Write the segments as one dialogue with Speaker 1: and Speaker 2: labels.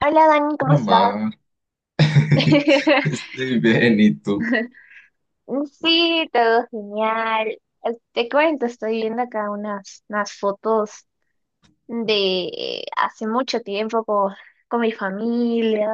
Speaker 1: Hola Dani, ¿cómo
Speaker 2: Hola,
Speaker 1: estás?
Speaker 2: Mar. Estoy bien, ¿y tú?
Speaker 1: Sí, todo genial. Te cuento, estoy viendo acá unas fotos de hace mucho tiempo con mi familia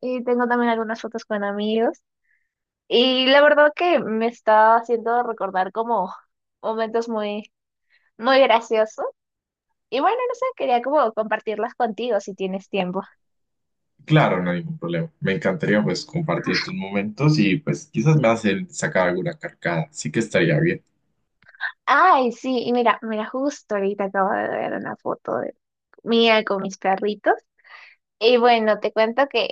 Speaker 1: y tengo también algunas fotos con amigos. Y la verdad que me está haciendo recordar como momentos muy, muy graciosos. Y bueno, no sé, quería como compartirlas contigo si tienes tiempo.
Speaker 2: Claro, no hay ningún problema. Me encantaría pues compartir estos momentos y pues quizás me hacen sacar alguna carcada. Sí que estaría bien.
Speaker 1: Ay, sí, y mira, mira, justo ahorita acabo de ver una foto de mía con mis perritos. Y bueno, te cuento que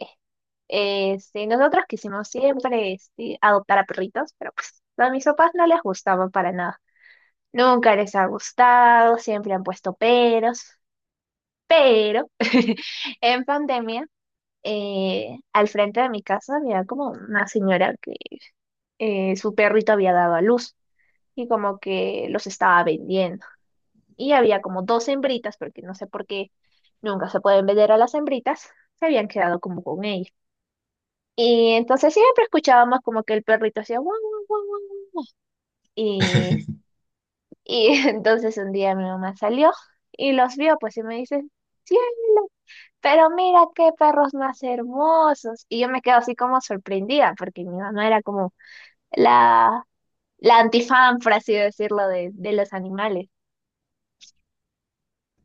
Speaker 1: este, nosotros quisimos siempre este, adoptar a perritos, pero pues a mis papás no les gustaban para nada. Nunca les ha gustado, siempre han puesto peros. Pero en pandemia, al frente de mi casa había como una señora que su perrito había dado a luz y como que los estaba vendiendo. Y había como dos hembritas, porque no sé por qué nunca se pueden vender a las hembritas, se habían quedado como con ella. Y entonces siempre escuchábamos como que el perrito hacía guau, guau, guau, guau. Y, y entonces un día mi mamá salió y los vio, pues y me dice, cielo, pero mira qué perros más hermosos. Y yo me quedo así como sorprendida, porque mi mamá era como la, la antifan, por así decirlo, de los animales.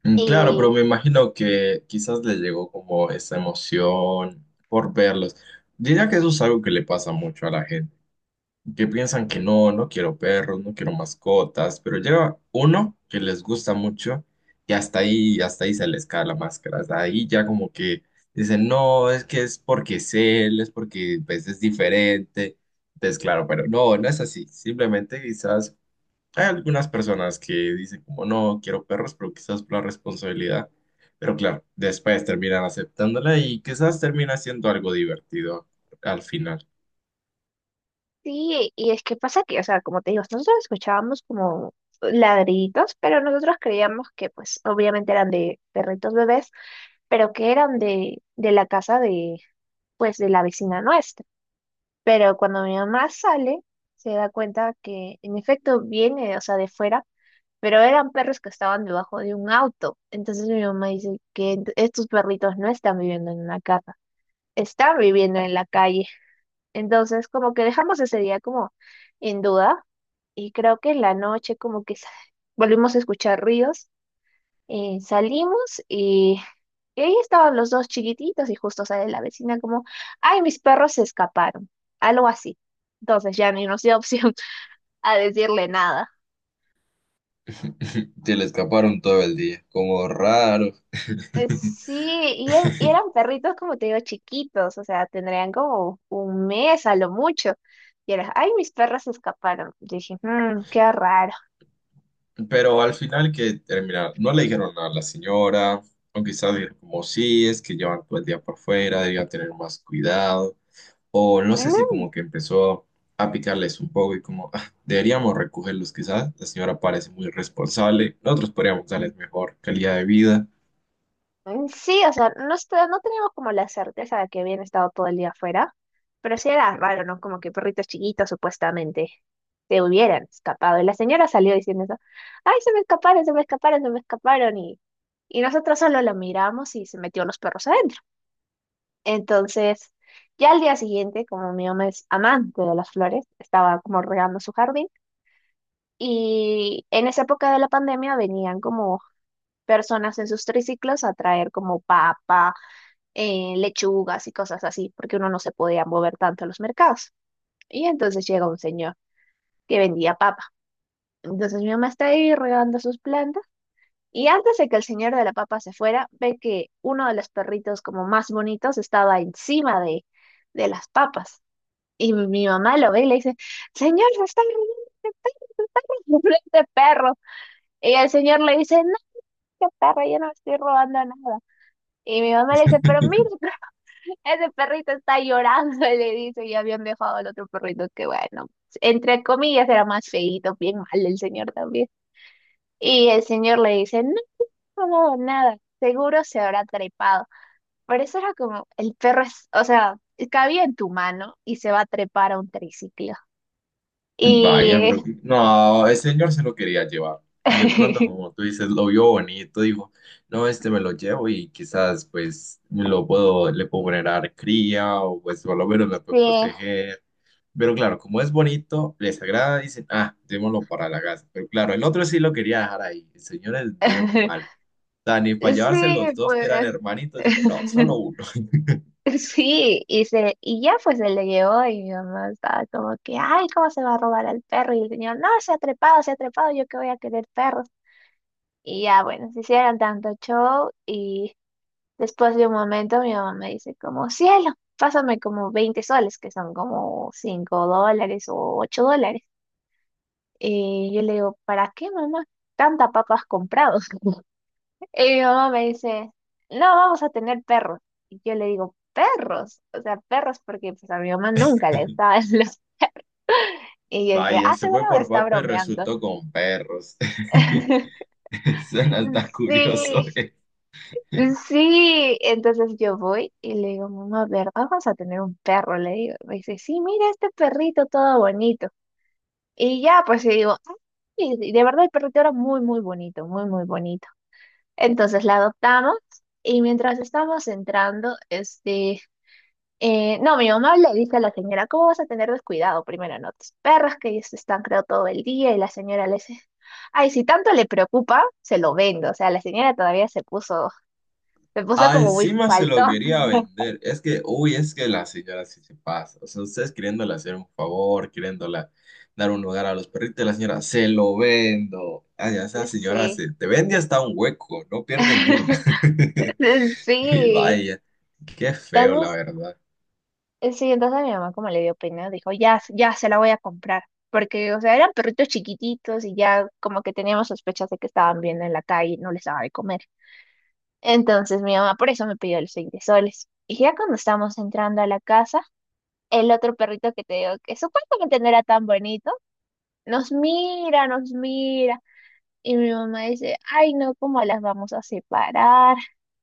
Speaker 2: Mm, claro,
Speaker 1: Y
Speaker 2: pero me imagino que quizás les llegó como esa emoción por verlos. Diría que eso es algo que le pasa mucho a la gente, que piensan que no, no quiero perros, no quiero mascotas, pero llega uno que les gusta mucho y hasta ahí se les cae la máscara, hasta ahí ya como que dicen, no, es que es porque es él, es porque pues, es diferente, entonces claro, pero no, no es así, simplemente quizás hay algunas personas que dicen como no, quiero perros, pero quizás por la responsabilidad, pero claro, después terminan aceptándola y quizás termina siendo algo divertido al final.
Speaker 1: sí, y es que pasa que, o sea, como te digo, nosotros escuchábamos como ladriditos, pero nosotros creíamos que, pues, obviamente eran de perritos bebés, pero que eran de la casa de, pues, de la vecina nuestra. Pero cuando mi mamá sale, se da cuenta que, en efecto, viene, o sea, de fuera, pero eran perros que estaban debajo de un auto. Entonces mi mamá dice que estos perritos no están viviendo en una casa, están viviendo en la calle. Entonces, como que dejamos ese día como en duda y creo que en la noche como que volvimos a escuchar ríos, salimos y ahí estaban los dos chiquititos y justo sale la vecina como, ay, mis perros se escaparon, algo así. Entonces ya ni nos dio opción a decirle nada.
Speaker 2: Se le escaparon todo el día, como raro.
Speaker 1: Sí, y eran perritos, como te digo, chiquitos, o sea, tendrían como un mes a lo mucho. Y era, ay, mis perros se escaparon. Yo dije, "Mm, qué raro.
Speaker 2: Pero al final que terminaron, no le dijeron nada a la señora, o quizás dijeron como sí, es que llevan todo el día por fuera, debían tener más cuidado, o no sé
Speaker 1: No,
Speaker 2: si como que empezó a picarles un poco y como "Ah, deberíamos recogerlos quizás, la señora parece muy responsable, nosotros podríamos darles mejor calidad de vida".
Speaker 1: mm, sí, o sea, no, no teníamos como la certeza de que habían estado todo el día afuera, pero sí era raro, ¿no? Como que perritos chiquitos supuestamente se hubieran escapado. Y la señora salió diciendo eso, ay, se me escaparon, se me escaparon, se me escaparon. Y nosotros solo la miramos y se metió los perros adentro. Entonces, ya al día siguiente, como mi mamá es amante de las flores, estaba como regando su jardín. Y en esa época de la pandemia venían como personas en sus triciclos a traer como papas, lechugas y cosas así, porque uno no se podía mover tanto a los mercados. Y entonces llega un señor que vendía papa. Entonces mi mamá está ahí regando sus plantas. Y antes de que el señor de la papa se fuera, ve que uno de los perritos como más bonitos estaba encima de las papas. Y mi mamá lo ve y le dice, señor, se está robando este perro. Y el señor le dice, no, qué perro, yo no estoy robando nada. Y mi mamá le dice, pero mira, ese perrito está llorando, le dice, y habían dejado al otro perrito que, bueno, entre comillas era más feíto, bien mal el señor también. Y el señor le dice, no, no hago nada, seguro se habrá trepado. Pero eso era como, el perro es, o sea, cabía en tu mano y se va a trepar a un triciclo.
Speaker 2: Vaya, pero
Speaker 1: Y
Speaker 2: no, el señor se lo quería llevar. Y de pronto, como tú dices, lo vio bonito, dijo, no, este me lo llevo y quizás pues le puedo generar cría o pues por lo menos me
Speaker 1: sí,
Speaker 2: puede proteger. Pero claro, como es bonito, les agrada, dicen, ah, démoslo para la casa. Pero claro, el otro sí lo quería dejar ahí. El señor es bien malo. Dani, para llevarse los
Speaker 1: sí,
Speaker 2: dos que eran
Speaker 1: pues.
Speaker 2: hermanitos, dijo, no, solo uno.
Speaker 1: Sí, y ya pues se le llevó y mi mamá estaba como que, ay, ¿cómo se va a robar al perro? Y el señor, no, se ha trepado, yo que voy a querer perros. Y ya bueno, se hicieron tanto show y después de un momento mi mamá me dice como, cielo, pásame como 20 soles, que son como $5 o $8. Y yo le digo, ¿para qué mamá? Tanta papas comprado. Y mi mamá me dice, no, vamos a tener perros. Y yo le digo, perros, o sea, perros porque pues, a mi mamá nunca le gustaban los... Y yo dije,
Speaker 2: Vaya,
Speaker 1: ah,
Speaker 2: se
Speaker 1: seguro
Speaker 2: fue
Speaker 1: me
Speaker 2: por
Speaker 1: está
Speaker 2: papa y
Speaker 1: bromeando.
Speaker 2: resultó con perros. Suena hasta curioso,
Speaker 1: Sí, sí. Entonces yo voy y le digo, mamá, a ver vamos a tener un perro, le digo. Me dice, sí, mira este perrito todo bonito. Y ya, pues y digo, "Ay, y de verdad el perrito era muy, muy bonito, muy, muy bonito. Entonces la adoptamos y mientras estábamos entrando, este, no, mi mamá le dice a la señora, ¿cómo vas a tener descuidado? Primero, no, tus perros que ellos están creo todo el día y la señora le dice, ay, si tanto le preocupa, se lo vendo. O sea, la señora todavía se puso
Speaker 2: Ah,
Speaker 1: como muy
Speaker 2: encima se
Speaker 1: falto.
Speaker 2: lo quería vender. Es que, uy, es que la señora sí se pasa. O sea, ustedes queriéndole hacer un favor, queriéndola dar un lugar a los perritos, la señora, se lo vendo. Ah, ya esa señora
Speaker 1: Sí.
Speaker 2: se te vende hasta un hueco, no pierde ni una. Y
Speaker 1: Sí.
Speaker 2: vaya, qué feo, la
Speaker 1: Entonces,
Speaker 2: verdad.
Speaker 1: sí, entonces mi mamá como le dio pena, dijo, ya, ya se la voy a comprar. Porque, o sea, eran perritos chiquititos y ya como que teníamos sospechas de que estaban viendo en la calle y no les daba de comer. Entonces mi mamá por eso me pidió los 20 soles. Y ya cuando estábamos entrando a la casa, el otro perrito que te digo que supuestamente no era tan bonito, nos mira, nos mira. Y mi mamá dice, ay no, ¿cómo las vamos a separar?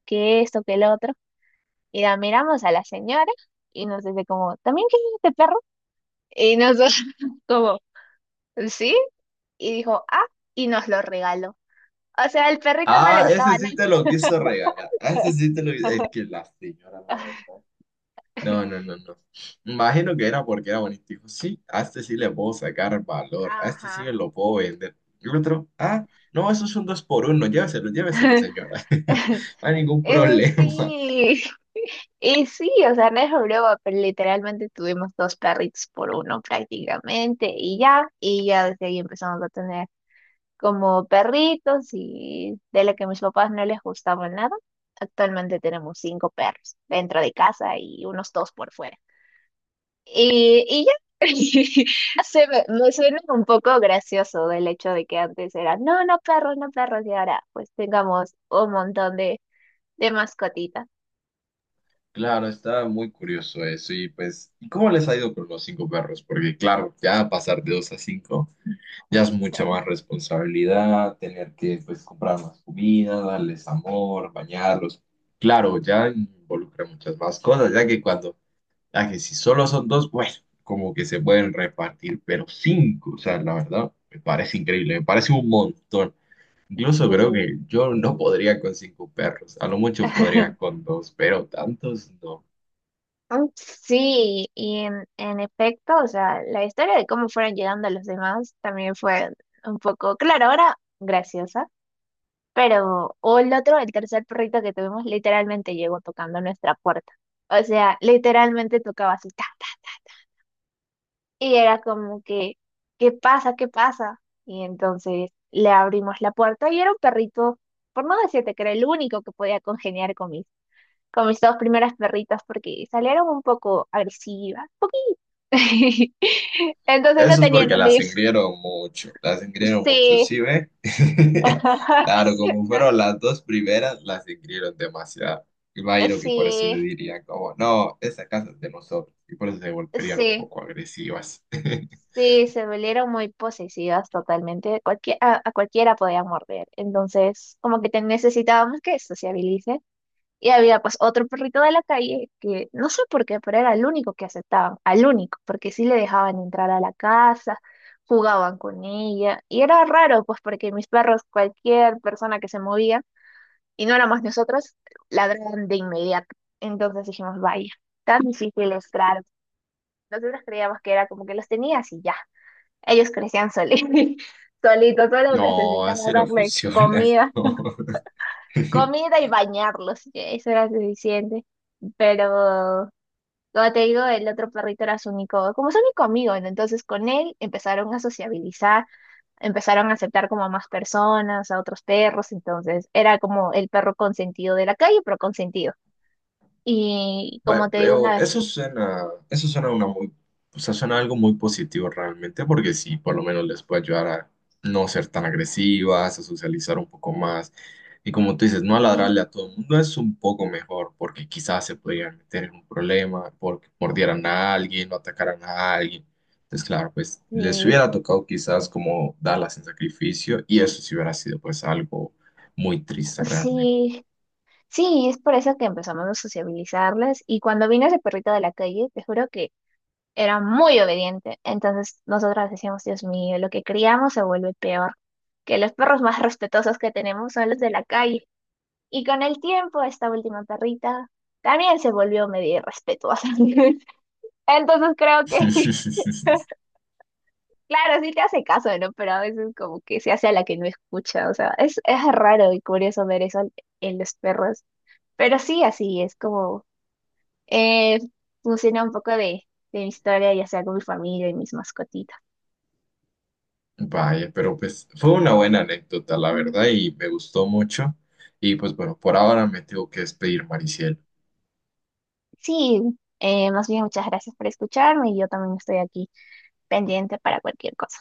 Speaker 1: Que esto, que el otro. Y la miramos a la señora y nos dice como, ¿también quieres este perro? Y nosotros como, ¿sí? Y dijo, ah, y nos lo regaló. O sea, al perrito no le
Speaker 2: Ah,
Speaker 1: gustaba
Speaker 2: ese
Speaker 1: nada.
Speaker 2: sí te lo quiso regalar. Ah, ese sí te lo... Es que la señora, la verdad. No, no, no, no. Imagino que era porque era bonito. Dijo, sí, a este sí le puedo sacar valor, a este sí me
Speaker 1: Ajá.
Speaker 2: lo puedo vender. El otro, ah, no, eso es un dos por uno, lléveselo, lléveselo, señora. No hay ningún problema.
Speaker 1: Sí. Y sí, o sea, no es broma, pero literalmente tuvimos dos perritos por uno prácticamente y ya desde ahí empezamos a tener como perritos y de lo que a mis papás no les gustaba nada, actualmente tenemos cinco perros dentro de casa y unos dos por fuera. Y ya, me suena un poco gracioso del hecho de que antes era, no, no perros, no perros, y ahora pues tengamos un montón de mascotitas.
Speaker 2: Claro, está muy curioso eso. Y pues, ¿y cómo les ha ido con los cinco perros? Porque claro, ya pasar de dos a cinco, ya es mucha más responsabilidad, tener que pues comprar más comida, darles amor, bañarlos. Claro, ya involucra muchas más cosas, ya que cuando... A que si solo son dos, bueno, como que se pueden repartir, pero cinco, o sea, la verdad, me parece increíble, me parece un montón. Incluso creo
Speaker 1: Sí.
Speaker 2: que yo no podría con cinco perros, a lo mucho podría con dos, pero tantos no.
Speaker 1: Mm, sí, y en efecto, o sea, la historia de cómo fueron llegando los demás también fue un poco, claro, ahora graciosa, pero o el otro, el tercer perrito que tuvimos, literalmente llegó tocando nuestra puerta. O sea, literalmente tocaba así, ta, ta, y era como que, ¿qué pasa? ¿Qué pasa? Y entonces le abrimos la puerta y era un perrito, por no decirte que era el único que podía congeniar con mis, dos primeras perritas porque salieron un poco agresivas. Entonces no
Speaker 2: Eso es
Speaker 1: tenía
Speaker 2: porque
Speaker 1: enemigos.
Speaker 2: las engrieron mucho,
Speaker 1: Sí.
Speaker 2: ¿sí ve? Claro, como fueron las dos primeras, las engrieron demasiado. Imagino que por eso
Speaker 1: Sí,
Speaker 2: dirían como, no, esa casa es de nosotros, y por eso se volverían un
Speaker 1: sí,
Speaker 2: poco agresivas.
Speaker 1: sí, se volvieron muy posesivas totalmente. A cualquiera podía morder. Entonces, como que te necesitábamos que sociabilice. Y había pues otro perrito de la calle que no sé por qué, pero era el único que aceptaban, al único, porque sí le dejaban entrar a la casa, jugaban con ella. Y era raro, pues porque mis perros, cualquier persona que se movía, y no éramos nosotros, ladraron de inmediato. Entonces dijimos, vaya, tan difícil es claro. Nosotros creíamos que era como que los tenías y ya. Ellos crecían solitos, solitos, solo
Speaker 2: No,
Speaker 1: necesitaba
Speaker 2: así no
Speaker 1: darle
Speaker 2: funciona.
Speaker 1: comida,
Speaker 2: No.
Speaker 1: comida y bañarlos. Y eso era suficiente. Pero, como te digo, el otro perrito era su único, como su único amigo, ¿no? Entonces con él empezaron a sociabilizar, empezaron a aceptar como a más personas, a otros perros, entonces era como el perro consentido de la calle, pero consentido. Y como
Speaker 2: Va,
Speaker 1: te digo
Speaker 2: pero
Speaker 1: una vez,
Speaker 2: eso suena una muy, o sea, suena algo muy positivo realmente, porque sí, por lo menos les puede ayudar a no ser tan agresivas, a socializar un poco más. Y como tú dices, no ladrarle
Speaker 1: sí,
Speaker 2: a todo el mundo es un poco mejor, porque quizás se podrían meter en un problema, porque mordieran a alguien o atacaran a alguien. Entonces, claro, pues les
Speaker 1: sí,
Speaker 2: hubiera tocado quizás como darlas en sacrificio, y eso sí hubiera sido pues algo muy triste realmente.
Speaker 1: sí, sí, es por eso que empezamos a sociabilizarles. Y cuando vino ese perrito de la calle, te juro que era muy obediente. Entonces nosotras decíamos, Dios mío, lo que criamos se vuelve peor, que los perros más respetuosos que tenemos son los de la calle. Y con el tiempo, esta última perrita también se volvió medio irrespetuosa. Entonces creo que claro, sí te hace caso, ¿no? Pero a veces como que se hace a la que no escucha, o sea, es raro y curioso ver eso en los perros, pero sí, así es como eh, funciona un poco de mi historia, ya sea con mi familia y mis mascotitas.
Speaker 2: Vaya, pero pues fue una buena anécdota, la
Speaker 1: Mm.
Speaker 2: verdad, y me gustó mucho. Y pues bueno, por ahora me tengo que despedir, Mariciel.
Speaker 1: Sí, más bien muchas gracias por escucharme y yo también estoy aquí pendiente para cualquier cosa.